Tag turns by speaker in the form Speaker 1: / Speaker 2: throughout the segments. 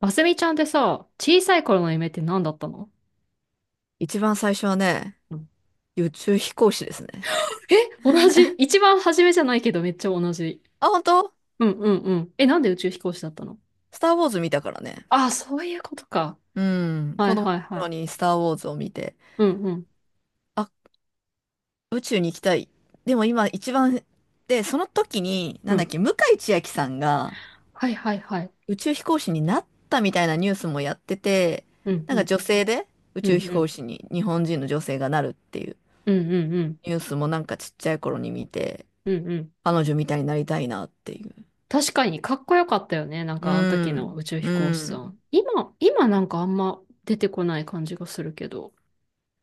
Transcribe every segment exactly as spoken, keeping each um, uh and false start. Speaker 1: マスミちゃんってさ、小さい頃の夢って何だったの？
Speaker 2: 一番最初はね、
Speaker 1: うん。
Speaker 2: 宇宙飛行士ですね。
Speaker 1: え、同じ。一番初めじゃないけどめっちゃ同じ。
Speaker 2: あ、本当。
Speaker 1: うんうんうん。え、なんで宇宙飛行士だったの？
Speaker 2: スター・ウォーズ見たからね。
Speaker 1: ああ、そういうことか。
Speaker 2: うん。
Speaker 1: は
Speaker 2: 子
Speaker 1: い
Speaker 2: 供の
Speaker 1: はいは
Speaker 2: 頃
Speaker 1: い。
Speaker 2: にスター・ウォーズを見て、
Speaker 1: うんうん
Speaker 2: あ、宇宙に行きたい。でも今一番、で、その時に、
Speaker 1: う
Speaker 2: なんだっ
Speaker 1: ん。
Speaker 2: け、向井千秋さんが
Speaker 1: はいはいはい。
Speaker 2: 宇宙飛行士になったみたいなニュースもやってて、
Speaker 1: うん
Speaker 2: な
Speaker 1: う
Speaker 2: んか
Speaker 1: ん。
Speaker 2: 女性で宇
Speaker 1: う
Speaker 2: 宙
Speaker 1: ん
Speaker 2: 飛
Speaker 1: う
Speaker 2: 行
Speaker 1: ん。
Speaker 2: 士に日本人の女性がなるっていう
Speaker 1: うんうんうん。
Speaker 2: ニュースもなんかちっちゃい頃に見て、
Speaker 1: うんうん。
Speaker 2: 彼女みたいになりたいなっていう。
Speaker 1: 確かにかっこよかったよね。なん
Speaker 2: う
Speaker 1: かあの時の
Speaker 2: ん。
Speaker 1: 宇宙飛
Speaker 2: う
Speaker 1: 行士さ
Speaker 2: ん。
Speaker 1: ん。今、今なんかあんま出てこない感じがするけど。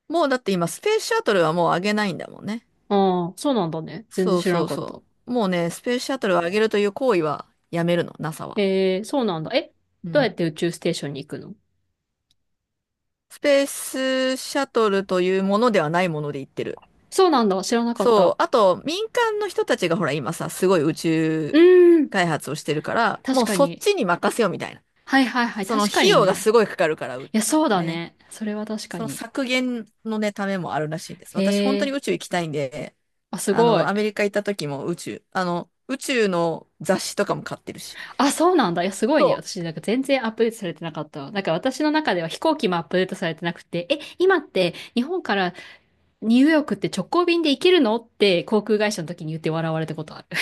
Speaker 2: もうだって今、スペースシャトルはもう上げないんだもんね。
Speaker 1: ああ、そうなんだね。全然
Speaker 2: そう
Speaker 1: 知ら
Speaker 2: そ
Speaker 1: な
Speaker 2: う
Speaker 1: かった。
Speaker 2: そう。もうね、スペースシャトルを上げるという行為はやめるの、NASA は。
Speaker 1: えー、そうなんだ。え、
Speaker 2: う
Speaker 1: どうやっ
Speaker 2: ん。
Speaker 1: て宇宙ステーションに行くの？
Speaker 2: スペースシャトルというものではないもので言ってる。
Speaker 1: そうなんだ。知らなかっ
Speaker 2: そ
Speaker 1: た。
Speaker 2: う。あと、民間の人たちがほら、今さ、すごい宇宙
Speaker 1: うーん。
Speaker 2: 開発をしてるから、
Speaker 1: 確
Speaker 2: もう
Speaker 1: か
Speaker 2: そっ
Speaker 1: に。
Speaker 2: ちに任せようみたいな。
Speaker 1: はいはいはい。
Speaker 2: その
Speaker 1: 確か
Speaker 2: 費
Speaker 1: に
Speaker 2: 用が
Speaker 1: ね。
Speaker 2: すごいかかるから、う
Speaker 1: いや、そうだ
Speaker 2: ね。
Speaker 1: ね。それは確か
Speaker 2: その
Speaker 1: に。
Speaker 2: 削減のね、ためもあるらしいです。
Speaker 1: へ
Speaker 2: 私、本当に
Speaker 1: え。
Speaker 2: 宇宙行きたいんで、
Speaker 1: あ、す
Speaker 2: あ
Speaker 1: ご
Speaker 2: の、
Speaker 1: い。
Speaker 2: アメリカ行った時も宇宙、あの、宇宙の雑誌とかも買ってるし。
Speaker 1: あ、そうなんだ。いや、すごい
Speaker 2: そ
Speaker 1: ね。私、なんか全然アップデートされてなかったわ。なんか私の中では飛行機もアップデートされてなくて、え、今って日本からニューヨークって直行便で行けるのって航空会社の時に言って笑われたことある。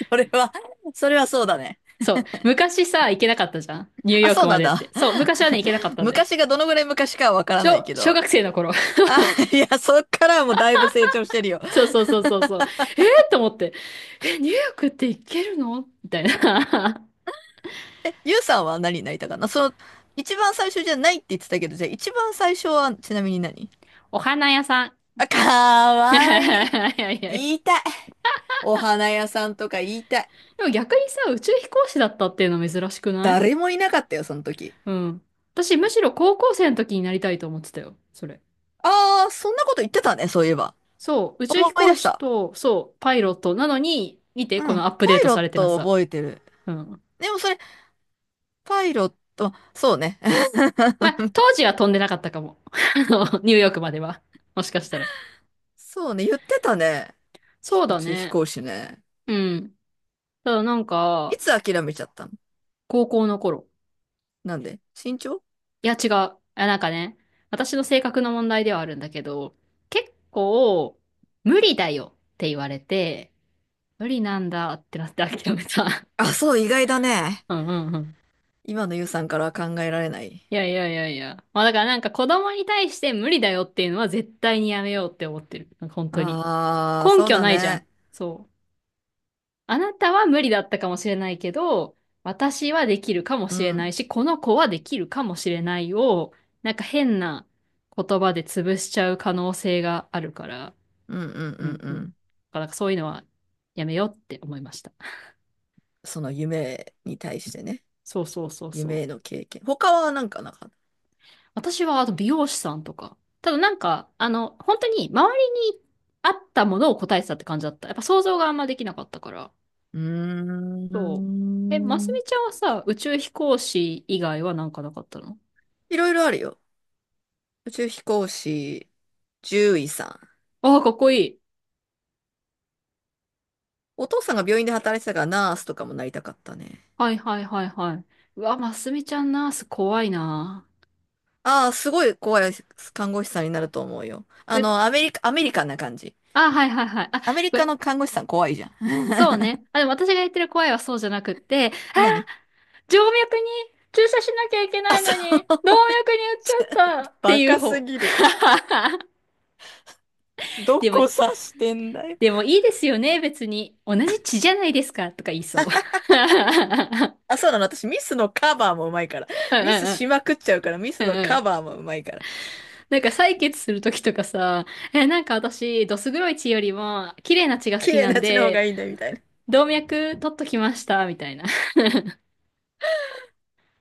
Speaker 2: う。それは、それはそうだね。
Speaker 1: そう。昔さ、行けなかったじゃん。ニュー
Speaker 2: あ、
Speaker 1: ヨー
Speaker 2: そ
Speaker 1: ク
Speaker 2: う
Speaker 1: ま
Speaker 2: なん
Speaker 1: でって。
Speaker 2: だ。
Speaker 1: そう。昔はね、行けなかっ たんだよ。
Speaker 2: 昔がどのぐらい昔かはわからない
Speaker 1: 小、
Speaker 2: け
Speaker 1: 小
Speaker 2: ど。
Speaker 1: 学生の頃。
Speaker 2: あ、いや、そっからはもうだいぶ成長してるよ。
Speaker 1: そうそうそうそうそう。えーって思って。え、ニューヨークって行けるのみたいな。
Speaker 2: え、ゆうさんは何になりたかな？その、一番最初じゃないって言ってたけど、じゃあ一番最初はちなみに何？
Speaker 1: お花屋さん。
Speaker 2: あ、か
Speaker 1: い
Speaker 2: わいい。
Speaker 1: やいやいや。
Speaker 2: 言いたい。お花屋さんとか言いたい。
Speaker 1: でも逆にさ、宇宙飛行士だったっていうの珍しくない？
Speaker 2: 誰もいなかったよ、その時。
Speaker 1: うん。私むしろ高校生の時になりたいと思ってたよ。それ。
Speaker 2: ああー、そんなこと言ってたね、そういえば。
Speaker 1: そう。宇宙飛
Speaker 2: 思い出
Speaker 1: 行
Speaker 2: し
Speaker 1: 士
Speaker 2: た。
Speaker 1: と、そう、パイロットなのに、見て、
Speaker 2: う
Speaker 1: こ
Speaker 2: ん。
Speaker 1: のアップ
Speaker 2: パ
Speaker 1: デー
Speaker 2: イ
Speaker 1: ト
Speaker 2: ロ
Speaker 1: さ
Speaker 2: ッ
Speaker 1: れてな
Speaker 2: トを
Speaker 1: さ。
Speaker 2: 覚えてる。
Speaker 1: うん。
Speaker 2: でもそれ、パイロット、そうね。
Speaker 1: まあ、当時は飛んでなかったかも。あのニューヨークまでは。もしかしたら。
Speaker 2: そうね、言ってたね。
Speaker 1: そ
Speaker 2: ひ
Speaker 1: う
Speaker 2: 宇
Speaker 1: だ
Speaker 2: 宙飛
Speaker 1: ね。
Speaker 2: 行士ね。
Speaker 1: うん。ただなん
Speaker 2: い
Speaker 1: か、
Speaker 2: つ諦めちゃったの？
Speaker 1: 高校の頃。
Speaker 2: なんで身長？
Speaker 1: いや、違う。あなんかね、私の性格の問題ではあるんだけど、結構、無理だよって言われて、無理なんだってなって諦めた。
Speaker 2: あ、そう、意外だね。
Speaker 1: うんうんうん。
Speaker 2: 今のゆうさんからは考えられない。
Speaker 1: いやいやいやいや。まあだからなんか子供に対して無理だよっていうのは絶対にやめようって思ってる。なんか本当に。
Speaker 2: ああ、
Speaker 1: 根
Speaker 2: そう
Speaker 1: 拠
Speaker 2: だ
Speaker 1: ないじゃん。
Speaker 2: ね。
Speaker 1: そう。あなたは無理だったかもしれないけど、私はできるかも
Speaker 2: う
Speaker 1: しれない
Speaker 2: ん。
Speaker 1: し、この子はできるかもしれないを、なんか変な言葉で潰しちゃう可能性があるから、
Speaker 2: うんうんう
Speaker 1: う
Speaker 2: ん
Speaker 1: んうん。
Speaker 2: う
Speaker 1: だか
Speaker 2: ん。
Speaker 1: らなんかそういうのはやめようって思いました。
Speaker 2: その夢に対してね。
Speaker 1: そうそうそうそ
Speaker 2: 夢への
Speaker 1: う。
Speaker 2: 経験。他はなんかなかった？
Speaker 1: 私はあと美容師さんとか。ただなんか、あの、本当に周りにあったものを答えてたって感じだった。やっぱ想像があんまできなかったから。
Speaker 2: うー
Speaker 1: そう。え、ます
Speaker 2: ん。
Speaker 1: みちゃんはさ、宇宙飛行士以外はなんかなかったの？
Speaker 2: いろいろあるよ。宇宙飛行士、獣医さん。
Speaker 1: ああ、かっこいい。
Speaker 2: お父さんが病院で働いてたからナースとかもなりたかったね。
Speaker 1: はいはいはいはい。うわ、ますみちゃんナース怖いな。
Speaker 2: ああ、すごい怖い看護師さんになると思うよ。あ
Speaker 1: え、
Speaker 2: の、アメリカ、アメリカンな感じ。
Speaker 1: あ、はいはいはい。あ、
Speaker 2: アメリ
Speaker 1: こ
Speaker 2: カ
Speaker 1: れ、
Speaker 2: の看護師さん怖いじゃん。
Speaker 1: そうね。あ、でも私が言ってる怖いはそうじゃなくって、あ
Speaker 2: 何？
Speaker 1: 静脈に注射しなきゃいけ
Speaker 2: あ、
Speaker 1: ない
Speaker 2: そ
Speaker 1: のに、動脈に打っ
Speaker 2: う。
Speaker 1: ちゃ ったって
Speaker 2: バ
Speaker 1: いう
Speaker 2: カす
Speaker 1: 方。
Speaker 2: ぎる。ど
Speaker 1: でも、
Speaker 2: こ指してんだよ。
Speaker 1: でもいいですよね、別に。同じ血じゃないですか、とか言いそう。
Speaker 2: あ、そうなの。私、ミスのカバーもうまいから。
Speaker 1: うん
Speaker 2: ミ
Speaker 1: うん
Speaker 2: ス
Speaker 1: う
Speaker 2: し
Speaker 1: ん
Speaker 2: まくっちゃうから、ミスの
Speaker 1: うんう
Speaker 2: カ
Speaker 1: ん。
Speaker 2: バーもうまいから。
Speaker 1: なんか採血するときとかさ、え、なんか私、どす黒い血よりも、綺麗な血が好
Speaker 2: 綺
Speaker 1: き
Speaker 2: 麗
Speaker 1: なん
Speaker 2: な血の方
Speaker 1: で、
Speaker 2: がいいんだよ、みたいな。
Speaker 1: 動脈取っときました、みたいな。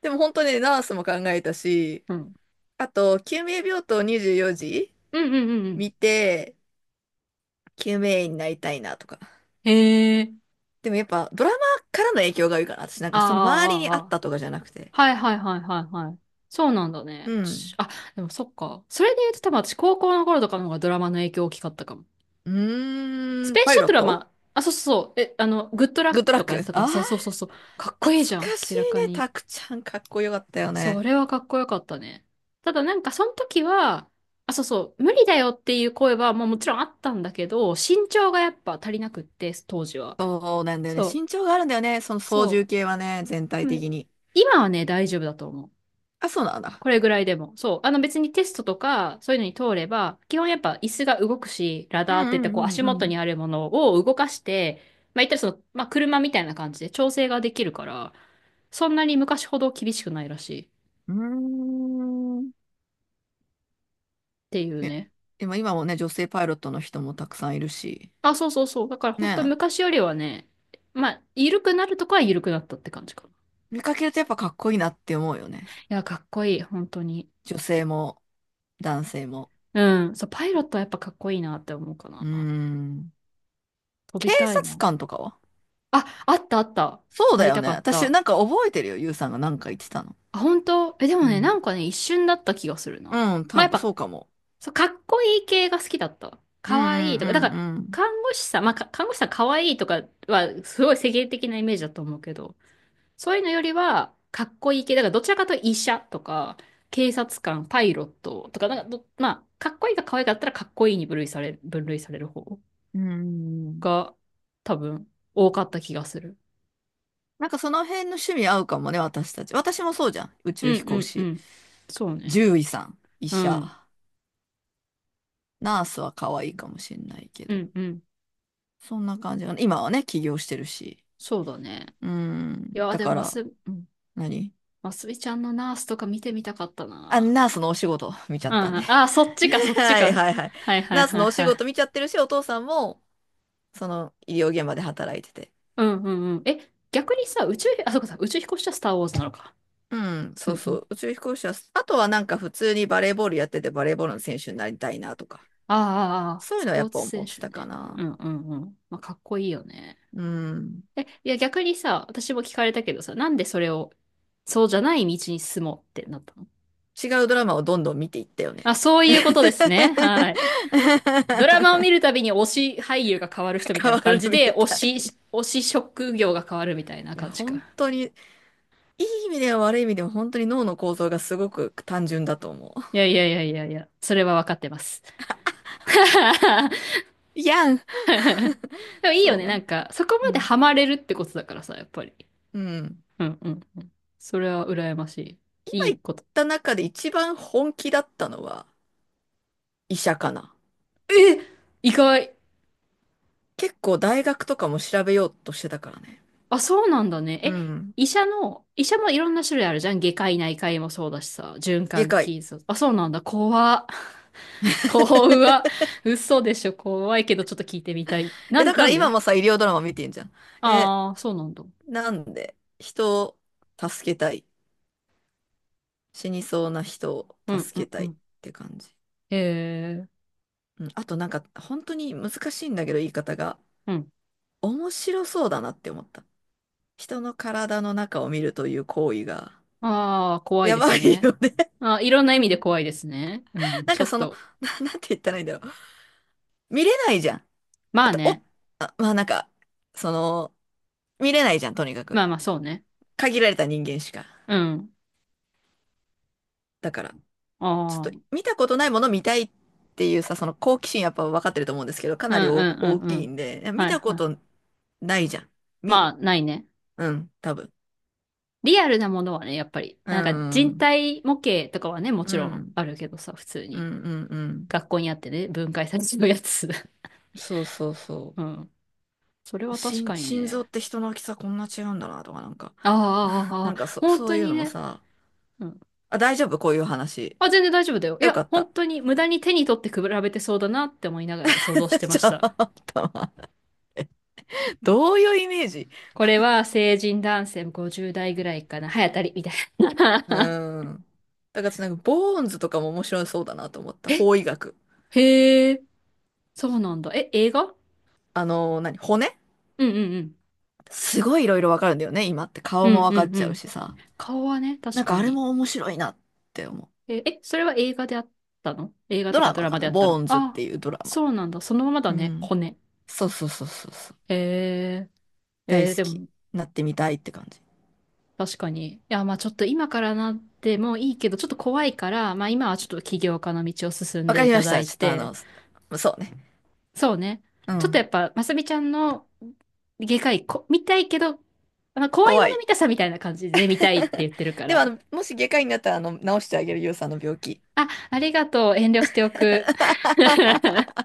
Speaker 2: でも本当にねナースも考えたし、
Speaker 1: うん。
Speaker 2: あと、救命病棟にじゅうよじ
Speaker 1: うんうんうんうん。
Speaker 2: 見て、救命医になりたいなとか。
Speaker 1: へえ。
Speaker 2: でもやっぱドラマからの影響が多いから、私なん
Speaker 1: あ
Speaker 2: かその周り
Speaker 1: あ、
Speaker 2: に
Speaker 1: ああ、
Speaker 2: あっ
Speaker 1: ああ。
Speaker 2: たとかじゃなくて。
Speaker 1: はいはいはいはいはい。そうなんだ
Speaker 2: う
Speaker 1: ね。ち
Speaker 2: ん。
Speaker 1: あ、でもそっか。それで言うと多分私高校の頃とかの方がドラマの影響大きかったかも。
Speaker 2: う
Speaker 1: ス
Speaker 2: ーん、
Speaker 1: ペース
Speaker 2: パ
Speaker 1: シ
Speaker 2: イ
Speaker 1: ャ
Speaker 2: ロ
Speaker 1: ト
Speaker 2: ッ
Speaker 1: ルはま
Speaker 2: ト。
Speaker 1: あ、あ、そうそうそう。え、あの、グッドラッ
Speaker 2: グッド
Speaker 1: ク
Speaker 2: ラッ
Speaker 1: とかやっ
Speaker 2: ク、
Speaker 1: てたから、
Speaker 2: あ
Speaker 1: そうそうそうそう。かっ
Speaker 2: あ
Speaker 1: こいいじ
Speaker 2: 懐
Speaker 1: ゃん、
Speaker 2: かし
Speaker 1: 明
Speaker 2: い
Speaker 1: らか
Speaker 2: ね。
Speaker 1: に。
Speaker 2: タクちゃんかっこよかったよ
Speaker 1: そ
Speaker 2: ね。
Speaker 1: れはかっこよかったね。ただなんかその時は、あ、そうそう、無理だよっていう声は、まあもちろんあったんだけど、身長がやっぱ足りなくって、当時は。
Speaker 2: そうなんだよね。
Speaker 1: そう。
Speaker 2: 身長があるんだよね。その操
Speaker 1: そ
Speaker 2: 縦
Speaker 1: う。
Speaker 2: 系はね、全
Speaker 1: で
Speaker 2: 体
Speaker 1: もね、
Speaker 2: 的に。
Speaker 1: 今はね、大丈夫だと思う。
Speaker 2: あ、そうなんだ。
Speaker 1: これぐらいでも。そう。あの別にテストとか、そういうのに通れば、基本やっぱ椅子が動くし、ラ
Speaker 2: う
Speaker 1: ダーって言っ
Speaker 2: ん
Speaker 1: てこ
Speaker 2: う
Speaker 1: う足
Speaker 2: んう
Speaker 1: 元
Speaker 2: ん
Speaker 1: にあるものを動かして、まあ言ったらその、まあ車みたいな感じで調整ができるから、そんなに昔ほど厳しくないらしいっ
Speaker 2: うん。うーん。
Speaker 1: ていう
Speaker 2: ね。
Speaker 1: ね。
Speaker 2: でも今もね、女性パイロットの人もたくさんいるし。
Speaker 1: あ、そうそうそう。だから本当
Speaker 2: ねえ、
Speaker 1: 昔よりはね、まあ、緩くなるとこは緩くなったって感じかな。い
Speaker 2: 見かけるとやっぱかっこいいなって思うよね。
Speaker 1: や、かっこいい、本当に。
Speaker 2: 女性も男性も。
Speaker 1: うん。そう、パイロットはやっぱかっこいいなって思うか
Speaker 2: うー
Speaker 1: な。
Speaker 2: ん。
Speaker 1: 飛
Speaker 2: 警
Speaker 1: びたいも
Speaker 2: 察
Speaker 1: ん。
Speaker 2: 官とかは？
Speaker 1: あ、あったあった。
Speaker 2: そう
Speaker 1: な
Speaker 2: だ
Speaker 1: り
Speaker 2: よ
Speaker 1: た
Speaker 2: ね。
Speaker 1: かっ
Speaker 2: 私
Speaker 1: た。
Speaker 2: なんか覚えてるよ。ゆうさんがなんか言ってたの。
Speaker 1: あ、本当え、でも
Speaker 2: う
Speaker 1: ね、な
Speaker 2: ん。
Speaker 1: んかね、一瞬だった気がするな。
Speaker 2: うん、
Speaker 1: まあ、
Speaker 2: 多
Speaker 1: やっ
Speaker 2: 分そ
Speaker 1: ぱ、
Speaker 2: うかも。
Speaker 1: そう、かっこいい系が好きだった。
Speaker 2: う
Speaker 1: か
Speaker 2: ん
Speaker 1: わいいとか。だから、
Speaker 2: うん
Speaker 1: 看護師さん、まあ、か看護師さんかわいいとかは、すごい世間的なイメージだと思うけど、そういうのよりは、かっこいい系。だから、どちらかというと医者とか、警察官、パイロットとか、なんかど、まあ、かっこいいか可愛かったら、かっこいいに分類され、分類される方
Speaker 2: うんうん。うんうん。
Speaker 1: が、多分、多かった気がする。
Speaker 2: なんかその辺の趣味合うかもね、私たち。私もそうじゃん。宇
Speaker 1: う
Speaker 2: 宙飛
Speaker 1: んう
Speaker 2: 行
Speaker 1: んう
Speaker 2: 士。
Speaker 1: ん。そうね。
Speaker 2: 獣医さん、医
Speaker 1: う
Speaker 2: 者、
Speaker 1: ん。
Speaker 2: ナースは可愛いかもしんないけ
Speaker 1: う
Speaker 2: ど。
Speaker 1: んうん。
Speaker 2: そんな感じが、今はね、起業してるし。
Speaker 1: そうだね。
Speaker 2: うん。
Speaker 1: いや、
Speaker 2: だ
Speaker 1: で
Speaker 2: か
Speaker 1: もマス、
Speaker 2: ら、
Speaker 1: うん、
Speaker 2: 何？
Speaker 1: マスミちゃんのナースとか見てみたかった
Speaker 2: あ、
Speaker 1: な。
Speaker 2: ナースのお仕事見ちゃ
Speaker 1: う
Speaker 2: ったんで。
Speaker 1: ん。あ、そっちか、そ っち
Speaker 2: はい
Speaker 1: か。
Speaker 2: はいはい。
Speaker 1: はいはい
Speaker 2: ナース
Speaker 1: はい
Speaker 2: のお仕
Speaker 1: はい。
Speaker 2: 事見ちゃってるし、お父さんも、その医療現場で働いてて。
Speaker 1: うんうんうん。え、逆にさ、宇宙、あ、そうかさ、宇宙飛行士はスターウォーズなのか。
Speaker 2: うん、そ
Speaker 1: う
Speaker 2: う
Speaker 1: んう
Speaker 2: そ
Speaker 1: ん。
Speaker 2: う。宇宙飛行士は、あとはなんか普通にバレーボールやっててバレーボールの選手になりたいなとか、
Speaker 1: ああ、ああ、ああ
Speaker 2: そういう
Speaker 1: ス
Speaker 2: のはや
Speaker 1: ポ
Speaker 2: っ
Speaker 1: ーツ
Speaker 2: ぱ思
Speaker 1: 選
Speaker 2: って
Speaker 1: 手
Speaker 2: たか
Speaker 1: ね。
Speaker 2: な。
Speaker 1: うんうんうん。まあ、かっこいいよね。
Speaker 2: うん。
Speaker 1: え、いや、逆にさ、私も聞かれたけどさ、なんでそれを、そうじゃない道に進もうってなったの？
Speaker 2: 違うドラマをどんどん見ていったよね。
Speaker 1: あ、そういうことです ね。はい。ドラマを見るたびに推し俳優が変わる人みた
Speaker 2: 変
Speaker 1: いな
Speaker 2: わ
Speaker 1: 感
Speaker 2: る
Speaker 1: じ
Speaker 2: み
Speaker 1: で、推
Speaker 2: たい。
Speaker 1: し、推し職業が変わるみたいな
Speaker 2: いや、
Speaker 1: 感じか。
Speaker 2: 本当に、いい意味では悪い意味でも本当に脳の構造がすごく単純だと思
Speaker 1: いやいやいやいやいや、それは分かってます。
Speaker 2: う。いやん。
Speaker 1: でもいいよ
Speaker 2: そう
Speaker 1: ね、
Speaker 2: な
Speaker 1: なん
Speaker 2: の。
Speaker 1: か、そこ
Speaker 2: う
Speaker 1: まで
Speaker 2: ん。
Speaker 1: ハマれるってことだからさ、やっぱり。
Speaker 2: うん。
Speaker 1: うんうんうん。それは羨まし
Speaker 2: 今
Speaker 1: い。いい
Speaker 2: 言っ
Speaker 1: こと。
Speaker 2: た中で一番本気だったのは医者かな。
Speaker 1: え意外。
Speaker 2: 結構大学とかも調べようとしてたからね。
Speaker 1: あ、そうなんだね。
Speaker 2: う
Speaker 1: え、
Speaker 2: ん。
Speaker 1: 医者の、医者もいろんな種類あるじゃん。外科医内科医もそうだしさ、循
Speaker 2: 外
Speaker 1: 環
Speaker 2: 科医。
Speaker 1: 器そうあ、そうなんだ。怖っ。怖嘘でしょ。怖いけど、ちょっと聞いてみたい。な
Speaker 2: え、だ
Speaker 1: ん、
Speaker 2: か
Speaker 1: な
Speaker 2: ら
Speaker 1: ん
Speaker 2: 今
Speaker 1: で。
Speaker 2: もさ、医療ドラマ見てんじゃん。え、
Speaker 1: ああー、そうなんだ。
Speaker 2: なんで、人を助けたい。死にそうな人を
Speaker 1: うん、
Speaker 2: 助
Speaker 1: う
Speaker 2: け
Speaker 1: ん、
Speaker 2: た
Speaker 1: う
Speaker 2: いっ
Speaker 1: ん。
Speaker 2: て感じ。
Speaker 1: へえ、
Speaker 2: うん。あとなんか、本当に難しいんだけど、言い方が。
Speaker 1: うん。
Speaker 2: 面白そうだなって思った。人の体の中を見るという行為が、
Speaker 1: ああ、怖い
Speaker 2: や
Speaker 1: です
Speaker 2: ばい
Speaker 1: ね。
Speaker 2: よね。
Speaker 1: あー、いろんな意味で怖いですね。う ん、
Speaker 2: なん
Speaker 1: ちょ
Speaker 2: か
Speaker 1: っ
Speaker 2: その、
Speaker 1: と。
Speaker 2: な、なんて言ったらいいんだろう。見れないじゃん。
Speaker 1: ま
Speaker 2: あ
Speaker 1: あ
Speaker 2: と、お、
Speaker 1: ね。
Speaker 2: あまあなんか、その、見れないじゃん、とにかく。
Speaker 1: まあまあ、そうね。
Speaker 2: 限られた人間しか。
Speaker 1: うん。
Speaker 2: だから、
Speaker 1: あ
Speaker 2: ちょっ
Speaker 1: あ、
Speaker 2: と
Speaker 1: うん、
Speaker 2: 見たことないもの見たいっていうさ、その好奇心やっぱ分かってると思うんですけど、か
Speaker 1: うん、
Speaker 2: なり
Speaker 1: う
Speaker 2: 大大
Speaker 1: ん、う
Speaker 2: きい
Speaker 1: ん。
Speaker 2: んで、いや見
Speaker 1: はい
Speaker 2: たこ
Speaker 1: はい。
Speaker 2: とないじゃん。み、
Speaker 1: まあ、ないね。
Speaker 2: うん、多分。
Speaker 1: リアルなものはね、やっぱり、
Speaker 2: う
Speaker 1: なんか
Speaker 2: ん、う
Speaker 1: 人
Speaker 2: ん、
Speaker 1: 体模型とかはね、も
Speaker 2: う
Speaker 1: ちろん
Speaker 2: ん、
Speaker 1: あるけどさ、普通
Speaker 2: う
Speaker 1: に。
Speaker 2: ん、うん。
Speaker 1: 学校にあってね、分解されちゃうやつ。
Speaker 2: そうそうそ
Speaker 1: うん。それ
Speaker 2: う。
Speaker 1: は確
Speaker 2: 心、
Speaker 1: かに
Speaker 2: 心臓
Speaker 1: ね。
Speaker 2: って人の大きさこんな違うんだなとか、なんか、
Speaker 1: あ あ、ああ
Speaker 2: なんかそ、
Speaker 1: 本
Speaker 2: そう
Speaker 1: 当
Speaker 2: いう
Speaker 1: に
Speaker 2: のも
Speaker 1: ね。
Speaker 2: さ、
Speaker 1: うん。
Speaker 2: あ、大丈夫？こういう話。
Speaker 1: あ、全然大丈夫だよ。い
Speaker 2: よ
Speaker 1: や、
Speaker 2: かっ
Speaker 1: 本
Speaker 2: た。
Speaker 1: 当に無駄に手に取って比べてそうだなって思いながら想像して ま
Speaker 2: ち
Speaker 1: し
Speaker 2: ょっ
Speaker 1: た。
Speaker 2: と、どういうイメージ？
Speaker 1: これは成人男性ごじゅう代ぐらいかな。早たり、みたいな。
Speaker 2: うん。だからなんか、ボーンズとかも面白そうだなと思った。法医学。
Speaker 1: へえ、そうなんだ。え、映画
Speaker 2: あのー、何、骨
Speaker 1: うんうんうん。
Speaker 2: すごいいろいろわかるんだよね、今って。
Speaker 1: う
Speaker 2: 顔も
Speaker 1: ん
Speaker 2: わか
Speaker 1: う
Speaker 2: っ
Speaker 1: んう
Speaker 2: ちゃう
Speaker 1: ん。
Speaker 2: しさ。
Speaker 1: 顔はね、
Speaker 2: な
Speaker 1: 確
Speaker 2: んか
Speaker 1: か
Speaker 2: あれ
Speaker 1: に。
Speaker 2: も面白いなって思う。
Speaker 1: え、え、それは映画であったの映画
Speaker 2: ド
Speaker 1: とか
Speaker 2: ラ
Speaker 1: ド
Speaker 2: マ
Speaker 1: ラ
Speaker 2: か
Speaker 1: マで
Speaker 2: な、
Speaker 1: あったの
Speaker 2: ボーンズっ
Speaker 1: ああ、
Speaker 2: ていうドラマ。
Speaker 1: そうなんだ。そのままだ
Speaker 2: う
Speaker 1: ね、
Speaker 2: ん。
Speaker 1: 骨。
Speaker 2: そうそうそうそうそう。
Speaker 1: へえ、
Speaker 2: 大
Speaker 1: え
Speaker 2: 好
Speaker 1: ーで
Speaker 2: き。
Speaker 1: も、
Speaker 2: なってみたいって感じ。
Speaker 1: 確かに。いや、まあちょっと今からなってもいいけど、ちょっと怖いから、まあ今はちょっと起業家の道を進ん
Speaker 2: わ
Speaker 1: で
Speaker 2: か
Speaker 1: い
Speaker 2: りま
Speaker 1: た
Speaker 2: し
Speaker 1: だ
Speaker 2: た。
Speaker 1: い
Speaker 2: ちょっとあ
Speaker 1: て、
Speaker 2: の、そうね。
Speaker 1: そうね。
Speaker 2: う
Speaker 1: ちょっとや
Speaker 2: ん。
Speaker 1: っぱ、まさみちゃんの外科医こ見たいけど、まあ、怖い
Speaker 2: 怖
Speaker 1: もの
Speaker 2: い。
Speaker 1: 見たさみたいな感じで見たいって言ってるか
Speaker 2: でもあ
Speaker 1: ら。
Speaker 2: の、もし外科医になったら、あの、治してあげる、ゆうさんの病気。
Speaker 1: あ、ありがとう。遠慮しておく。